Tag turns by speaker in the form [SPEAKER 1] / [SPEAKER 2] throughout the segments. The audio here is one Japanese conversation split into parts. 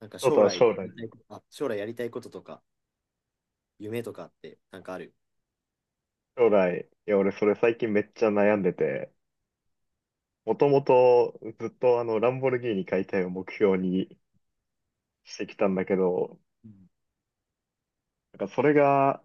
[SPEAKER 1] なんか
[SPEAKER 2] ちょっと
[SPEAKER 1] 将
[SPEAKER 2] は
[SPEAKER 1] 来や
[SPEAKER 2] 将
[SPEAKER 1] り
[SPEAKER 2] 来、
[SPEAKER 1] たいこと、あ、将来やりたいこととか、夢とかって、なんかある。
[SPEAKER 2] 将来、いや、俺それ最近めっちゃ悩んでて、もともとずっとランボルギーニ解体を目標にしてきたんだけど、
[SPEAKER 1] うん。
[SPEAKER 2] なんかそれが、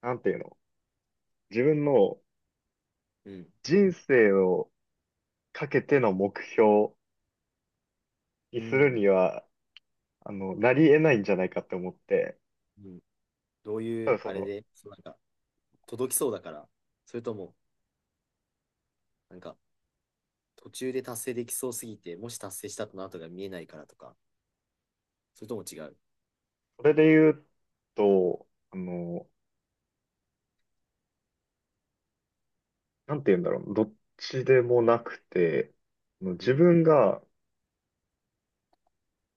[SPEAKER 2] なんていうの、自分の
[SPEAKER 1] うん。
[SPEAKER 2] 人生をかけての目標に
[SPEAKER 1] う
[SPEAKER 2] する
[SPEAKER 1] ん。
[SPEAKER 2] には、なり得ないんじゃないかって思って、
[SPEAKER 1] うん。どう
[SPEAKER 2] た
[SPEAKER 1] い
[SPEAKER 2] だ
[SPEAKER 1] う、あれで、そうなんか、届きそうだから、それとも、なんか、途中で達成できそうすぎて、もし達成したとの後が見えないからとか、それとも違う。
[SPEAKER 2] それで言うと、なんていうんだろう、どっちでもなくて、
[SPEAKER 1] う
[SPEAKER 2] 自
[SPEAKER 1] ん。
[SPEAKER 2] 分が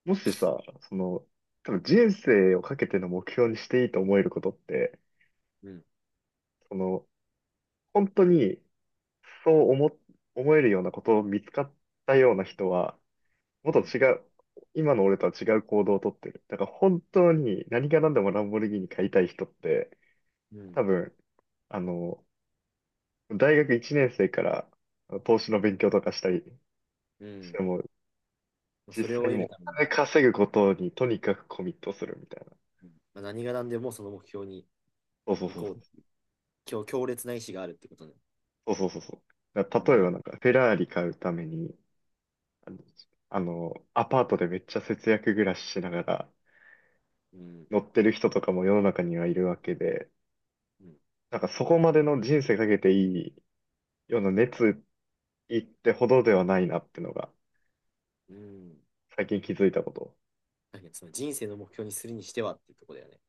[SPEAKER 2] もしさ、その、多分人生をかけての目標にしていいと思えることって、
[SPEAKER 1] うん。
[SPEAKER 2] その、本当にそう思、思えるようなことを見つかったような人は、もっ
[SPEAKER 1] う
[SPEAKER 2] と
[SPEAKER 1] ん。
[SPEAKER 2] 違う、今の俺とは違う行動をとってる。だから本当に何が何でもランボルギーニ買いたい人って、
[SPEAKER 1] うん。
[SPEAKER 2] 多分、あの、大学1年生から投資の勉強とかしたり
[SPEAKER 1] う
[SPEAKER 2] し
[SPEAKER 1] ん。
[SPEAKER 2] ても、
[SPEAKER 1] まあ
[SPEAKER 2] 実
[SPEAKER 1] それを
[SPEAKER 2] 際に
[SPEAKER 1] 得
[SPEAKER 2] も
[SPEAKER 1] る
[SPEAKER 2] う
[SPEAKER 1] ため
[SPEAKER 2] お
[SPEAKER 1] に、
[SPEAKER 2] 金稼ぐことにとにかくコミットするみたいな。
[SPEAKER 1] うん、まあ、何が何でもその目標に
[SPEAKER 2] そうそう
[SPEAKER 1] 行
[SPEAKER 2] そう
[SPEAKER 1] こう。強烈な意志があるってことね。
[SPEAKER 2] そうそうそうそう。だから
[SPEAKER 1] う
[SPEAKER 2] 例え
[SPEAKER 1] ん。
[SPEAKER 2] ばなんか、フェラーリ買うために、あの、あのアパートでめっちゃ節約暮らししながら
[SPEAKER 1] うん。
[SPEAKER 2] 乗ってる人とかも世の中にはいるわけで、
[SPEAKER 1] うん。
[SPEAKER 2] なんかそこまでの人生かけていいような熱意ってほどではないなってのが、
[SPEAKER 1] うん。
[SPEAKER 2] 最近気づいたこと。
[SPEAKER 1] だけど、その人生の目標にするにしてはっていうところだよね。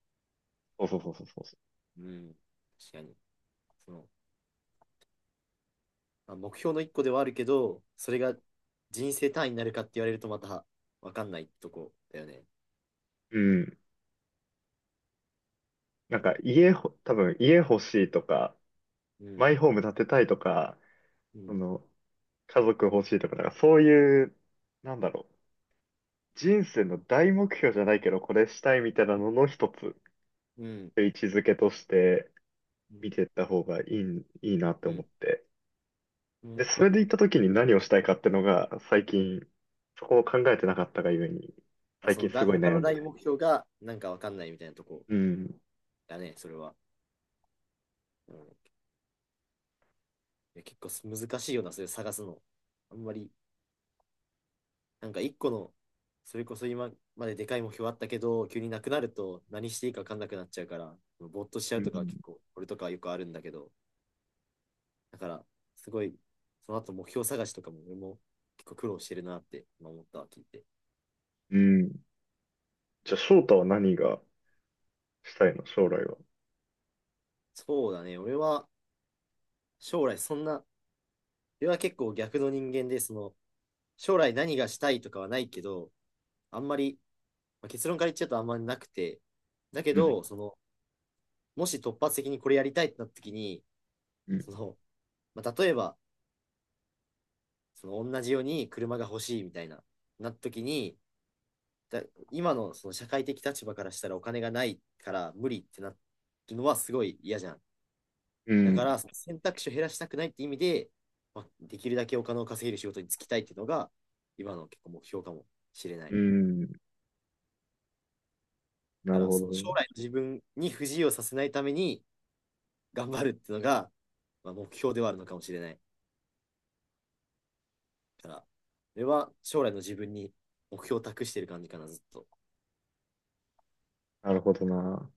[SPEAKER 2] そうそうそうそうそ
[SPEAKER 1] うん。確かに。その、まあ、目標の一個ではあるけど、それが人生単位になるかって言われるとまた分かんないとこだよね。
[SPEAKER 2] う。うん。なんか家ほ、多分家欲しいとか、
[SPEAKER 1] うん。
[SPEAKER 2] マイホーム建てたいとか、
[SPEAKER 1] う
[SPEAKER 2] そ
[SPEAKER 1] ん。
[SPEAKER 2] の、家族欲しいとか、なんかそういう、なんだろう。人生の大目標じゃないけど、これしたいみたいなのの一つ、
[SPEAKER 1] うん。
[SPEAKER 2] 位置づけとして
[SPEAKER 1] う
[SPEAKER 2] 見
[SPEAKER 1] ん。
[SPEAKER 2] ていった方がいいなって
[SPEAKER 1] う
[SPEAKER 2] 思っ
[SPEAKER 1] ん。
[SPEAKER 2] て。
[SPEAKER 1] うん。
[SPEAKER 2] で、それで
[SPEAKER 1] なん
[SPEAKER 2] 行っ
[SPEAKER 1] か、
[SPEAKER 2] た時に何をしたいかってのが、最近、そこを考えてなかったがゆえに、
[SPEAKER 1] あ、
[SPEAKER 2] 最
[SPEAKER 1] その
[SPEAKER 2] 近す
[SPEAKER 1] だ、
[SPEAKER 2] ごい
[SPEAKER 1] 他
[SPEAKER 2] 悩
[SPEAKER 1] の
[SPEAKER 2] んで
[SPEAKER 1] 大
[SPEAKER 2] る。
[SPEAKER 1] 目標がなんか分かんないみたいなとこ
[SPEAKER 2] うん。
[SPEAKER 1] だね、それは。うん、いや結構す難しいよな、それ探すの。あんまり、なんか一個の、それこそ今まででかい目標あったけど、急になくなると何していいか分かんなくなっちゃうから、ぼーっとしちゃ
[SPEAKER 2] う
[SPEAKER 1] うとかは結
[SPEAKER 2] ん。
[SPEAKER 1] 構、俺とかはよくあるんだけど、だから、すごい、その後目標探しとかも俺も結構苦労してるなって今思ったわ、聞いて。
[SPEAKER 2] うん。じゃあ、翔太は何がしたいの将来は。
[SPEAKER 1] そうだね、俺は将来そんな、俺は結構逆の人間で、その、将来何がしたいとかはないけど、あんまり、まあ、結論から言っちゃうとあんまりなくて、だけ
[SPEAKER 2] うん。
[SPEAKER 1] ど、その、もし突発的にこれやりたいってなった時に、
[SPEAKER 2] うん。
[SPEAKER 1] その、まあ、例えば、その同じように車が欲しいみたいな、なった時に、だ今のその社会的立場からしたらお金がないから無理ってなってるのはすごい嫌じゃん。
[SPEAKER 2] う
[SPEAKER 1] だか
[SPEAKER 2] ん。
[SPEAKER 1] ら、その選択肢を減らしたくないって意味で、まあ、できるだけお金を稼げる仕事に就きたいっていうのが、今の結構目標かもしれな
[SPEAKER 2] う
[SPEAKER 1] い。
[SPEAKER 2] んな
[SPEAKER 1] だか
[SPEAKER 2] る
[SPEAKER 1] ら、
[SPEAKER 2] ほど
[SPEAKER 1] その
[SPEAKER 2] ね。
[SPEAKER 1] 将来の自分に不自由させないために頑張るっていうのが、まあ、目標ではあるのかもしれない。だから、それは将来の自分に目標を託してる感じかな、ずっと。
[SPEAKER 2] なるほどな。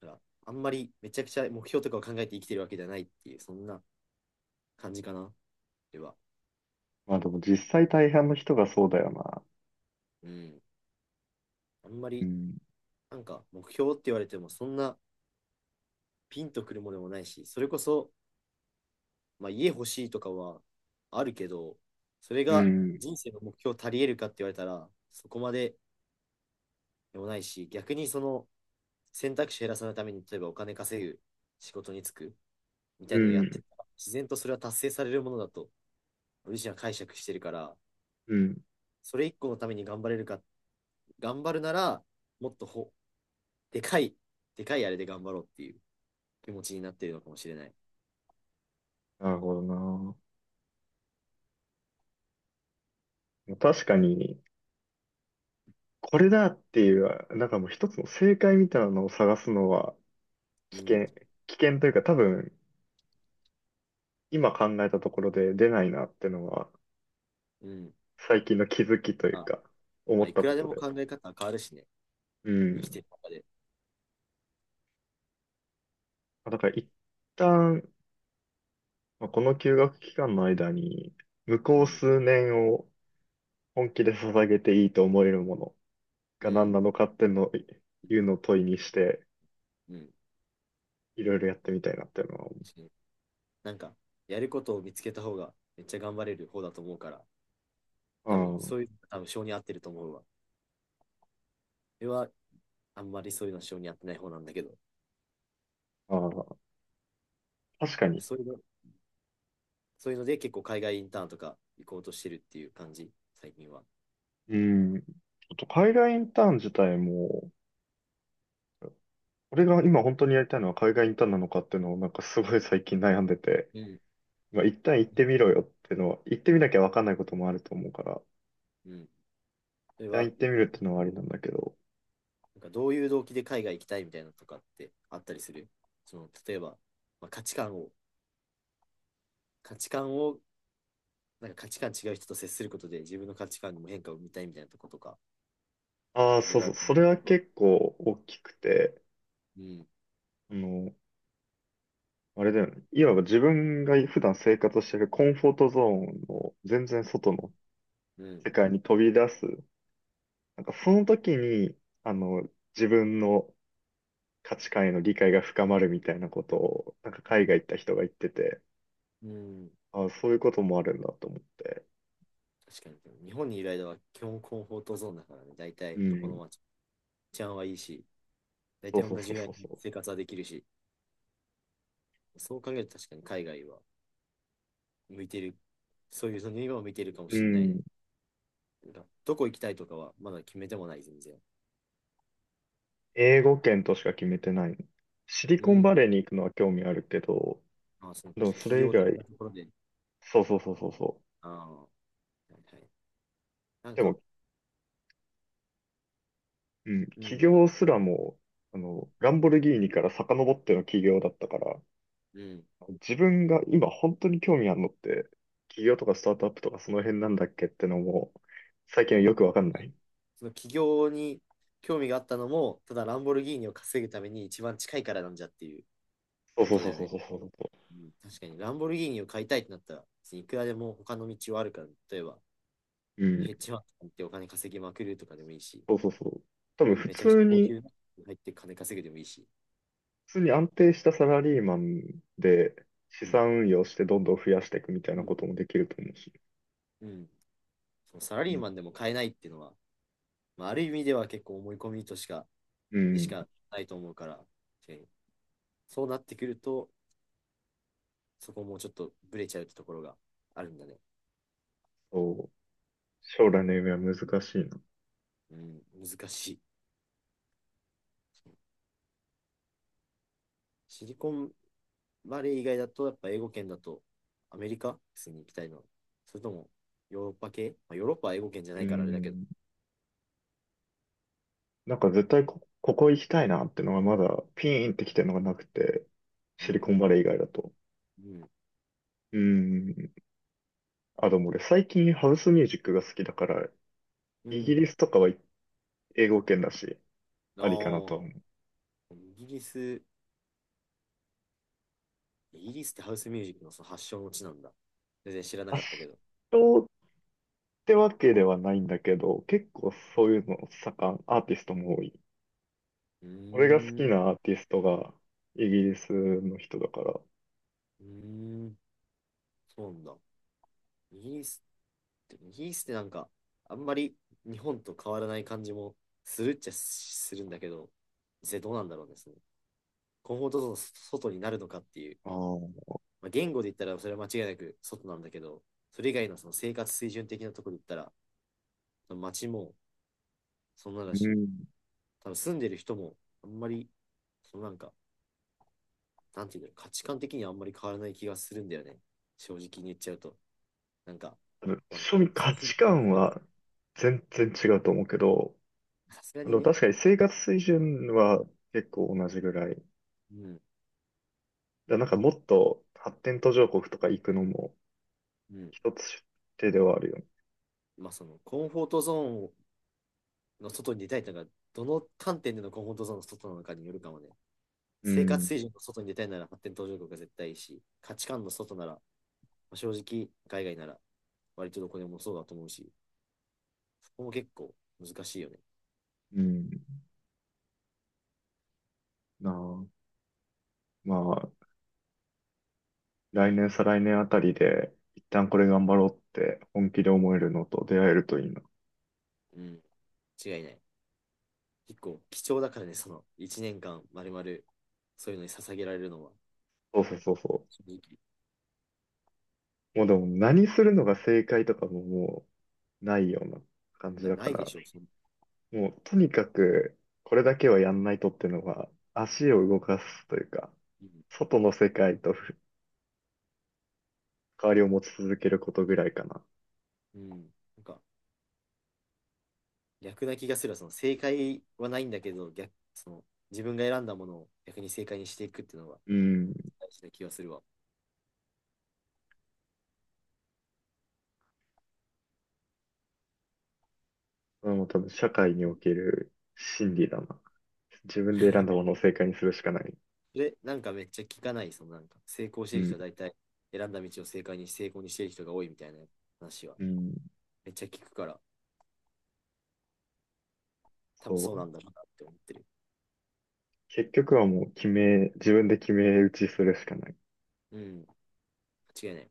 [SPEAKER 1] だから、あんまりめちゃくちゃ目標とかを考えて生きてるわけじゃないっていう、そんな感じかな、では。
[SPEAKER 2] まあでも実際大半の人がそうだよな。
[SPEAKER 1] うん。あんま
[SPEAKER 2] う
[SPEAKER 1] り、
[SPEAKER 2] ん。
[SPEAKER 1] なんか目標って言われても、そんなピンとくるものでもないし、それこそ、まあ、家欲しいとかはあるけど、それ
[SPEAKER 2] う
[SPEAKER 1] が
[SPEAKER 2] ん。
[SPEAKER 1] 人生の目標足り得るかって言われたら、そこまででもないし、逆にその選択肢を減らさないために、例えばお金稼ぐ仕事に就くみた
[SPEAKER 2] う
[SPEAKER 1] いなのをやって
[SPEAKER 2] ん。
[SPEAKER 1] ったら、自然とそれは達成されるものだと、俺自身は解釈してるから、
[SPEAKER 2] うん。
[SPEAKER 1] それ一個のために頑張れるか、頑張るなら、もっとほ、でかい、でかいあれで頑張ろうっていう気持ちになってるのかもしれない。
[SPEAKER 2] なるほどな。確かに、これだっていう、なんかもう一つの正解みたいなのを探すのは
[SPEAKER 1] う
[SPEAKER 2] 危
[SPEAKER 1] ん。
[SPEAKER 2] 険、危険というか多分、今考えたところで出ないなっていうのは、
[SPEAKER 1] うん。
[SPEAKER 2] 最近の気づきとい
[SPEAKER 1] あ、
[SPEAKER 2] うか、思
[SPEAKER 1] まあ、
[SPEAKER 2] っ
[SPEAKER 1] い
[SPEAKER 2] た
[SPEAKER 1] く
[SPEAKER 2] こ
[SPEAKER 1] らで
[SPEAKER 2] と
[SPEAKER 1] も
[SPEAKER 2] で。
[SPEAKER 1] 考え方は変わるしね。
[SPEAKER 2] う
[SPEAKER 1] 生きて
[SPEAKER 2] ん。
[SPEAKER 1] る中で。
[SPEAKER 2] だから一旦、まあこの休学期間の間に、向
[SPEAKER 1] う
[SPEAKER 2] こう
[SPEAKER 1] ん。
[SPEAKER 2] 数年を本気で捧げていいと思えるもの
[SPEAKER 1] う
[SPEAKER 2] が何
[SPEAKER 1] ん。
[SPEAKER 2] なのかっていうのを問いにして、
[SPEAKER 1] うん。
[SPEAKER 2] いろいろやってみたいなっていうのは
[SPEAKER 1] 確かに、なんか、やることを見つけた方がめっちゃ頑張れる方だと思うから、多分
[SPEAKER 2] 思う、うん。
[SPEAKER 1] そういう、多分性に合ってると思うわ。俺はあんまりそういうの性に合ってない方なんだけど、
[SPEAKER 2] ああ、確かに。
[SPEAKER 1] そういうの、そういうので結構海外インターンとか行こうとしてるっていう感じ、最近は。
[SPEAKER 2] うん。ちょっと海外インターン自体も、俺が今本当にやりたいのは海外インターンなのかっていうのをなんかすごい最近悩んでて、
[SPEAKER 1] うん。
[SPEAKER 2] まあ、一旦行ってみろよっていうのは、行ってみなきゃわかんないこともあると思うから、
[SPEAKER 1] うん。それ
[SPEAKER 2] 一旦
[SPEAKER 1] は、
[SPEAKER 2] 行ってみ
[SPEAKER 1] あ、
[SPEAKER 2] るっ
[SPEAKER 1] な
[SPEAKER 2] ていうのはありなんだけど。
[SPEAKER 1] んかどういう動機で海外行きたいみたいなのとかってあったりする。その、例えば、まあ、価値観を、価値観を、なんか価値観違う人と接することで自分の価値観にも変化を見たいみたいなとことか、
[SPEAKER 2] ああ、
[SPEAKER 1] いろい
[SPEAKER 2] そう
[SPEAKER 1] ろあ
[SPEAKER 2] そう、
[SPEAKER 1] る
[SPEAKER 2] それ
[SPEAKER 1] んだ
[SPEAKER 2] は
[SPEAKER 1] けど。
[SPEAKER 2] 結構大きくて、
[SPEAKER 1] うん。
[SPEAKER 2] あの、あれだよね。いわば自分が普段生活してるコンフォートゾーンの全然外の
[SPEAKER 1] うん。
[SPEAKER 2] 世界に飛び出す。なんかその時に、あの、自分の価値観への理解が深まるみたいなことを、なんか
[SPEAKER 1] う
[SPEAKER 2] 海外
[SPEAKER 1] ん。
[SPEAKER 2] 行った人が言ってて、
[SPEAKER 1] うん、
[SPEAKER 2] あ、そういうこともあるんだと思って。
[SPEAKER 1] 確かに、でも日本にいる間は基本コンフォートゾーンだからね、大
[SPEAKER 2] う
[SPEAKER 1] 体どこの
[SPEAKER 2] ん。
[SPEAKER 1] 街、治安はいいし、大
[SPEAKER 2] そ
[SPEAKER 1] 体
[SPEAKER 2] うそう
[SPEAKER 1] 同
[SPEAKER 2] そ
[SPEAKER 1] じ
[SPEAKER 2] う
[SPEAKER 1] ぐらい
[SPEAKER 2] そう
[SPEAKER 1] の
[SPEAKER 2] そ
[SPEAKER 1] 生活はできるし、そう考えると確かに海外は向いてる、そういうその今は向いてるかも
[SPEAKER 2] う。う
[SPEAKER 1] しれないね。
[SPEAKER 2] ん。
[SPEAKER 1] なんかどこ行きたいとかはまだ決めてもない、全然。
[SPEAKER 2] 英語圏としか決めてない。シリ
[SPEAKER 1] う
[SPEAKER 2] コン
[SPEAKER 1] ん。
[SPEAKER 2] バレーに行くのは興味あるけど、
[SPEAKER 1] まあ、その
[SPEAKER 2] でも
[SPEAKER 1] き
[SPEAKER 2] そ
[SPEAKER 1] 企
[SPEAKER 2] れ以
[SPEAKER 1] 業的
[SPEAKER 2] 外、
[SPEAKER 1] なところで。
[SPEAKER 2] そうそうそうそうそう。
[SPEAKER 1] ああ、はいはい。なん
[SPEAKER 2] で
[SPEAKER 1] か、
[SPEAKER 2] も、うん、
[SPEAKER 1] う
[SPEAKER 2] 起
[SPEAKER 1] ん、
[SPEAKER 2] 業すらも、ランボルギーニから遡っての起業だったから、
[SPEAKER 1] うん、
[SPEAKER 2] 自分が今本当に興味あるのって、起業とかスタートアップとかその辺なんだっけってのも、最近
[SPEAKER 1] う
[SPEAKER 2] は
[SPEAKER 1] ん。
[SPEAKER 2] よくわかんない。
[SPEAKER 1] その起業に興味があったのも、ただランボルギーニを稼ぐために一番近いからなんじゃっていう
[SPEAKER 2] そう
[SPEAKER 1] こ
[SPEAKER 2] そう
[SPEAKER 1] とだ
[SPEAKER 2] そう
[SPEAKER 1] よ
[SPEAKER 2] そう
[SPEAKER 1] ね。
[SPEAKER 2] そうそうそ
[SPEAKER 1] うん、確かに、ランボルギーニを買いたいってなったら、いくらでも他の道はあるから、例えば、
[SPEAKER 2] う。う
[SPEAKER 1] ヘッ
[SPEAKER 2] ん。
[SPEAKER 1] ジファンドってお金稼ぎまくるとかでもいいし、
[SPEAKER 2] そうそうそう。多分普
[SPEAKER 1] めちゃくちゃ
[SPEAKER 2] 通
[SPEAKER 1] 高
[SPEAKER 2] に、
[SPEAKER 1] 級なの入って金稼ぐでもいいし、
[SPEAKER 2] 普通に安定したサラリーマンで資
[SPEAKER 1] うん、
[SPEAKER 2] 産運用してどんどん増やしていくみたい
[SPEAKER 1] う
[SPEAKER 2] なこ
[SPEAKER 1] ん、
[SPEAKER 2] ともできると思うし。
[SPEAKER 1] うん。そのサラ
[SPEAKER 2] う
[SPEAKER 1] リー
[SPEAKER 2] ん。
[SPEAKER 1] マンでも買えないっていうのは、まあ、ある意味では結構思い込みとしか、
[SPEAKER 2] う
[SPEAKER 1] でし
[SPEAKER 2] ん
[SPEAKER 1] かないと思うから、そうなってくると、そこもちょっとブレちゃうってところがあるんだね。
[SPEAKER 2] そう。将来の夢は難しいな。
[SPEAKER 1] うん、難しい。シリコンバレー以外だと、やっぱ英語圏だと、アメリカ普通に行きたいな。それとも、ヨーロッパ系、まあ、ヨーロッパは英語圏じゃな
[SPEAKER 2] う
[SPEAKER 1] いからあれだけど。
[SPEAKER 2] ん。なんか絶対こ、ここ行きたいなってのがまだピーンってきてるのがなくて、シ
[SPEAKER 1] う
[SPEAKER 2] リ
[SPEAKER 1] ん、
[SPEAKER 2] コンバレー以外だと。
[SPEAKER 1] うん、
[SPEAKER 2] うん。あ、でも俺最近ハウスミュージックが好きだから、
[SPEAKER 1] う
[SPEAKER 2] イギリ
[SPEAKER 1] ん。
[SPEAKER 2] スとかは英語圏だし、
[SPEAKER 1] あ
[SPEAKER 2] ありかなとは思
[SPEAKER 1] あ、イギリス、イギリスってハウスミュージックのその発祥の地なんだ。全然知らなかったけど。
[SPEAKER 2] う。ってわけではないんだけど、結構
[SPEAKER 1] う
[SPEAKER 2] そう
[SPEAKER 1] ん、
[SPEAKER 2] いうのアーティストも多い。
[SPEAKER 1] うー
[SPEAKER 2] 俺が好き
[SPEAKER 1] ん、う
[SPEAKER 2] なアーティストがイギリスの人だから、あ
[SPEAKER 1] ーん、そうなんだ。イギリスって、イギリスってなんか、あんまり日本と変わらない感じもするっちゃするんだけど、実際どうなんだろうね、コンフォートゾーンの外になるのかっていう、
[SPEAKER 2] あ、う
[SPEAKER 1] まあ、言語で言ったらそれは間違いなく外なんだけど、それ以外のその生活水準的なところで言ったら、街もそんなだし、
[SPEAKER 2] ん。
[SPEAKER 1] 多分住んでる人もあんまり、そのなんか、なんていうんだろう、価値観的にはあんまり変わらない気がするんだよね。正直に言っちゃうと。なんか、まあ、
[SPEAKER 2] 庶民
[SPEAKER 1] 先
[SPEAKER 2] 価
[SPEAKER 1] 進
[SPEAKER 2] 値
[SPEAKER 1] 国に住
[SPEAKER 2] 観
[SPEAKER 1] んでる人
[SPEAKER 2] は全然違うと思うけど、
[SPEAKER 1] さすがにね、
[SPEAKER 2] 確かに生活水準は結構同じぐらい。
[SPEAKER 1] うん、
[SPEAKER 2] だなんかもっと発展途上国とか行くのも
[SPEAKER 1] うん。
[SPEAKER 2] 一つ手ではあるよね。
[SPEAKER 1] まあそのコンフォートゾーンの外に出たいとか、どの観点でのコンフォートゾーンの外なのかによるかもね。
[SPEAKER 2] う
[SPEAKER 1] 生活
[SPEAKER 2] ん。
[SPEAKER 1] 水準の外に出たいなら発展途上国が絶対いいし、価値観の外なら、まあ、正直、海外なら割とどこでもそうだと思うし、そこも結構難しいよね。
[SPEAKER 2] うん。なあ。まあ来年、再来年あたりで、一旦これ頑張ろうって本気で思えるのと出会えるといいな。
[SPEAKER 1] うん、違いない。結構貴重だからね、その1年間まるまるそういうのに捧げられるのは、
[SPEAKER 2] そうそうそうそ
[SPEAKER 1] 正直
[SPEAKER 2] う。もうでも何するのが正解とかももうないような感じだ
[SPEAKER 1] な
[SPEAKER 2] か
[SPEAKER 1] いで
[SPEAKER 2] ら、
[SPEAKER 1] しょその、
[SPEAKER 2] もうとにかくこれだけはやんないとっていうのが足を動かすというか、
[SPEAKER 1] うん、
[SPEAKER 2] 外の世界と関わりを持ち続けることぐらいかな。
[SPEAKER 1] うん。なんか逆な気がするわ、その正解はないんだけど、逆、その自分が選んだものを逆に正解にしていくっていうのは
[SPEAKER 2] うん。
[SPEAKER 1] 大事な気がするわ。
[SPEAKER 2] これも多分社会に
[SPEAKER 1] う
[SPEAKER 2] お
[SPEAKER 1] ん。
[SPEAKER 2] ける真理だな。自分で選んだ ものを正解にするしかない。
[SPEAKER 1] で、なんかめっちゃ聞かない、そのなんか、成功して
[SPEAKER 2] う
[SPEAKER 1] る人
[SPEAKER 2] ん。
[SPEAKER 1] は大体選んだ道を正解にし成功にしてる人が多いみたいな話は、
[SPEAKER 2] うん。
[SPEAKER 1] めっちゃ聞くから、多分
[SPEAKER 2] そ
[SPEAKER 1] そう
[SPEAKER 2] う。
[SPEAKER 1] なんだろうなって思ってる。
[SPEAKER 2] 結局はもう決め、自分で決め打ちするしかない。
[SPEAKER 1] うん、間違いない。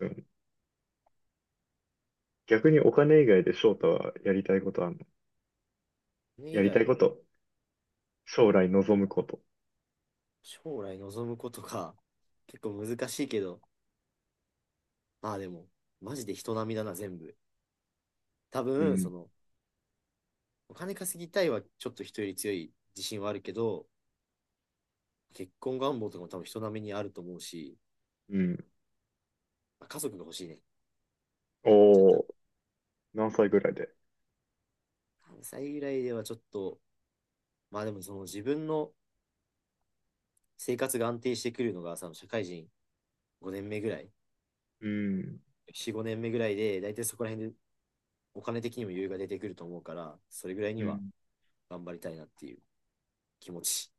[SPEAKER 2] うん。逆にお金以外で翔太はやりたいことあんの
[SPEAKER 1] それ
[SPEAKER 2] や
[SPEAKER 1] 以
[SPEAKER 2] りたい
[SPEAKER 1] 外、
[SPEAKER 2] こと。将来望むこと。
[SPEAKER 1] 将来望むことか、結構難しいけど、まあでも、マジで人並みだな、全部。多
[SPEAKER 2] う
[SPEAKER 1] 分、そ
[SPEAKER 2] ん。
[SPEAKER 1] の、お金稼ぎたいはちょっと人より強い自信はあるけど、結婚願望とかも多分人並みにあると思うし、
[SPEAKER 2] うん。
[SPEAKER 1] まあ、家族が欲しいね。ちゃったら。
[SPEAKER 2] おー、何歳ぐらいで。
[SPEAKER 1] 3歳ぐらいではちょっと、まあでもその自分の生活が安定してくるのが、その社会人5年目ぐらい、
[SPEAKER 2] うん。
[SPEAKER 1] 4、5年目ぐらいで、大体そこら辺でお金的にも余裕が出てくると思うから、それぐらいに
[SPEAKER 2] う
[SPEAKER 1] は
[SPEAKER 2] ん。
[SPEAKER 1] 頑張りたいなっていう気持ち。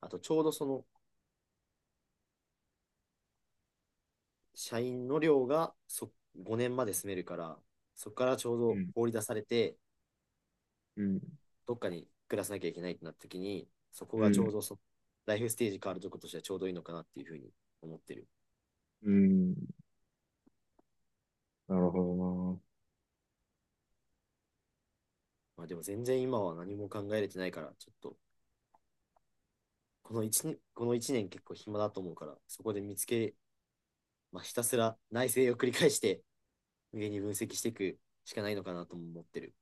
[SPEAKER 1] あと、ちょうどその社員の寮が5年まで住めるから、そこからちょう
[SPEAKER 2] う
[SPEAKER 1] ど
[SPEAKER 2] ん。
[SPEAKER 1] 放り出されて、
[SPEAKER 2] うん。
[SPEAKER 1] どっかに暮らさなきゃいけないってなった時に、そこ
[SPEAKER 2] う
[SPEAKER 1] がちょう
[SPEAKER 2] ん。
[SPEAKER 1] どライフステージ変わるとことしてはちょうどいいのかなっていうふうに思ってる。
[SPEAKER 2] うん。なるほ
[SPEAKER 1] まあでも全然今は何も考えれてないから、ちょっとこの1この一年結構暇だと思うから、そこで見つけ、まあ、ひたすら内省を繰り返して、無限に分析していくしかないのかなとも思ってる。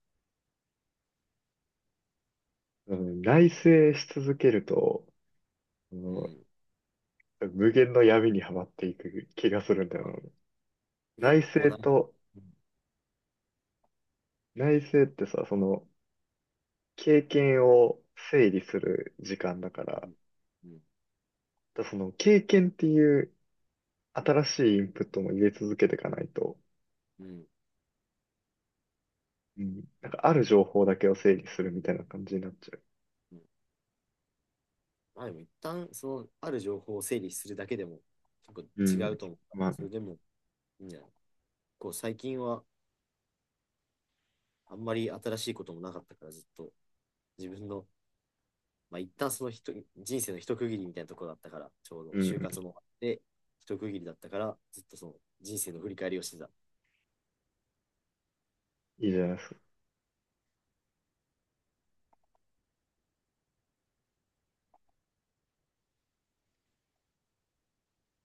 [SPEAKER 2] どな。うん。内省し続けると、そ
[SPEAKER 1] う
[SPEAKER 2] の
[SPEAKER 1] ん。
[SPEAKER 2] 無限の闇にはまっていく気がするんだよな。
[SPEAKER 1] 結
[SPEAKER 2] 内
[SPEAKER 1] 構
[SPEAKER 2] 省
[SPEAKER 1] な、う
[SPEAKER 2] と、内省ってさ、経験を整理する時間だから、
[SPEAKER 1] ん、うん、
[SPEAKER 2] だその経験っていう新しいインプットも入れ続けていかないと、
[SPEAKER 1] うん。
[SPEAKER 2] うん、なんかある情報だけを整理するみたいな感じになっちゃう。
[SPEAKER 1] うん、まあでも一旦、その、ある情報を整理するだけでも、結
[SPEAKER 2] う
[SPEAKER 1] 構
[SPEAKER 2] ん。
[SPEAKER 1] 違うと思う。
[SPEAKER 2] まあ、
[SPEAKER 1] それでも、いいんじゃない、こう、最近は、あんまり新しいこともなかったから、ずっと、自分の、まあ、一旦その人人生の一区切りみたいなところだったから、ちょうど
[SPEAKER 2] う
[SPEAKER 1] 就
[SPEAKER 2] ん、
[SPEAKER 1] 活もあって、一区切りだったから、ずっとその人生の振り返りをしてた。
[SPEAKER 2] いいじゃないですか。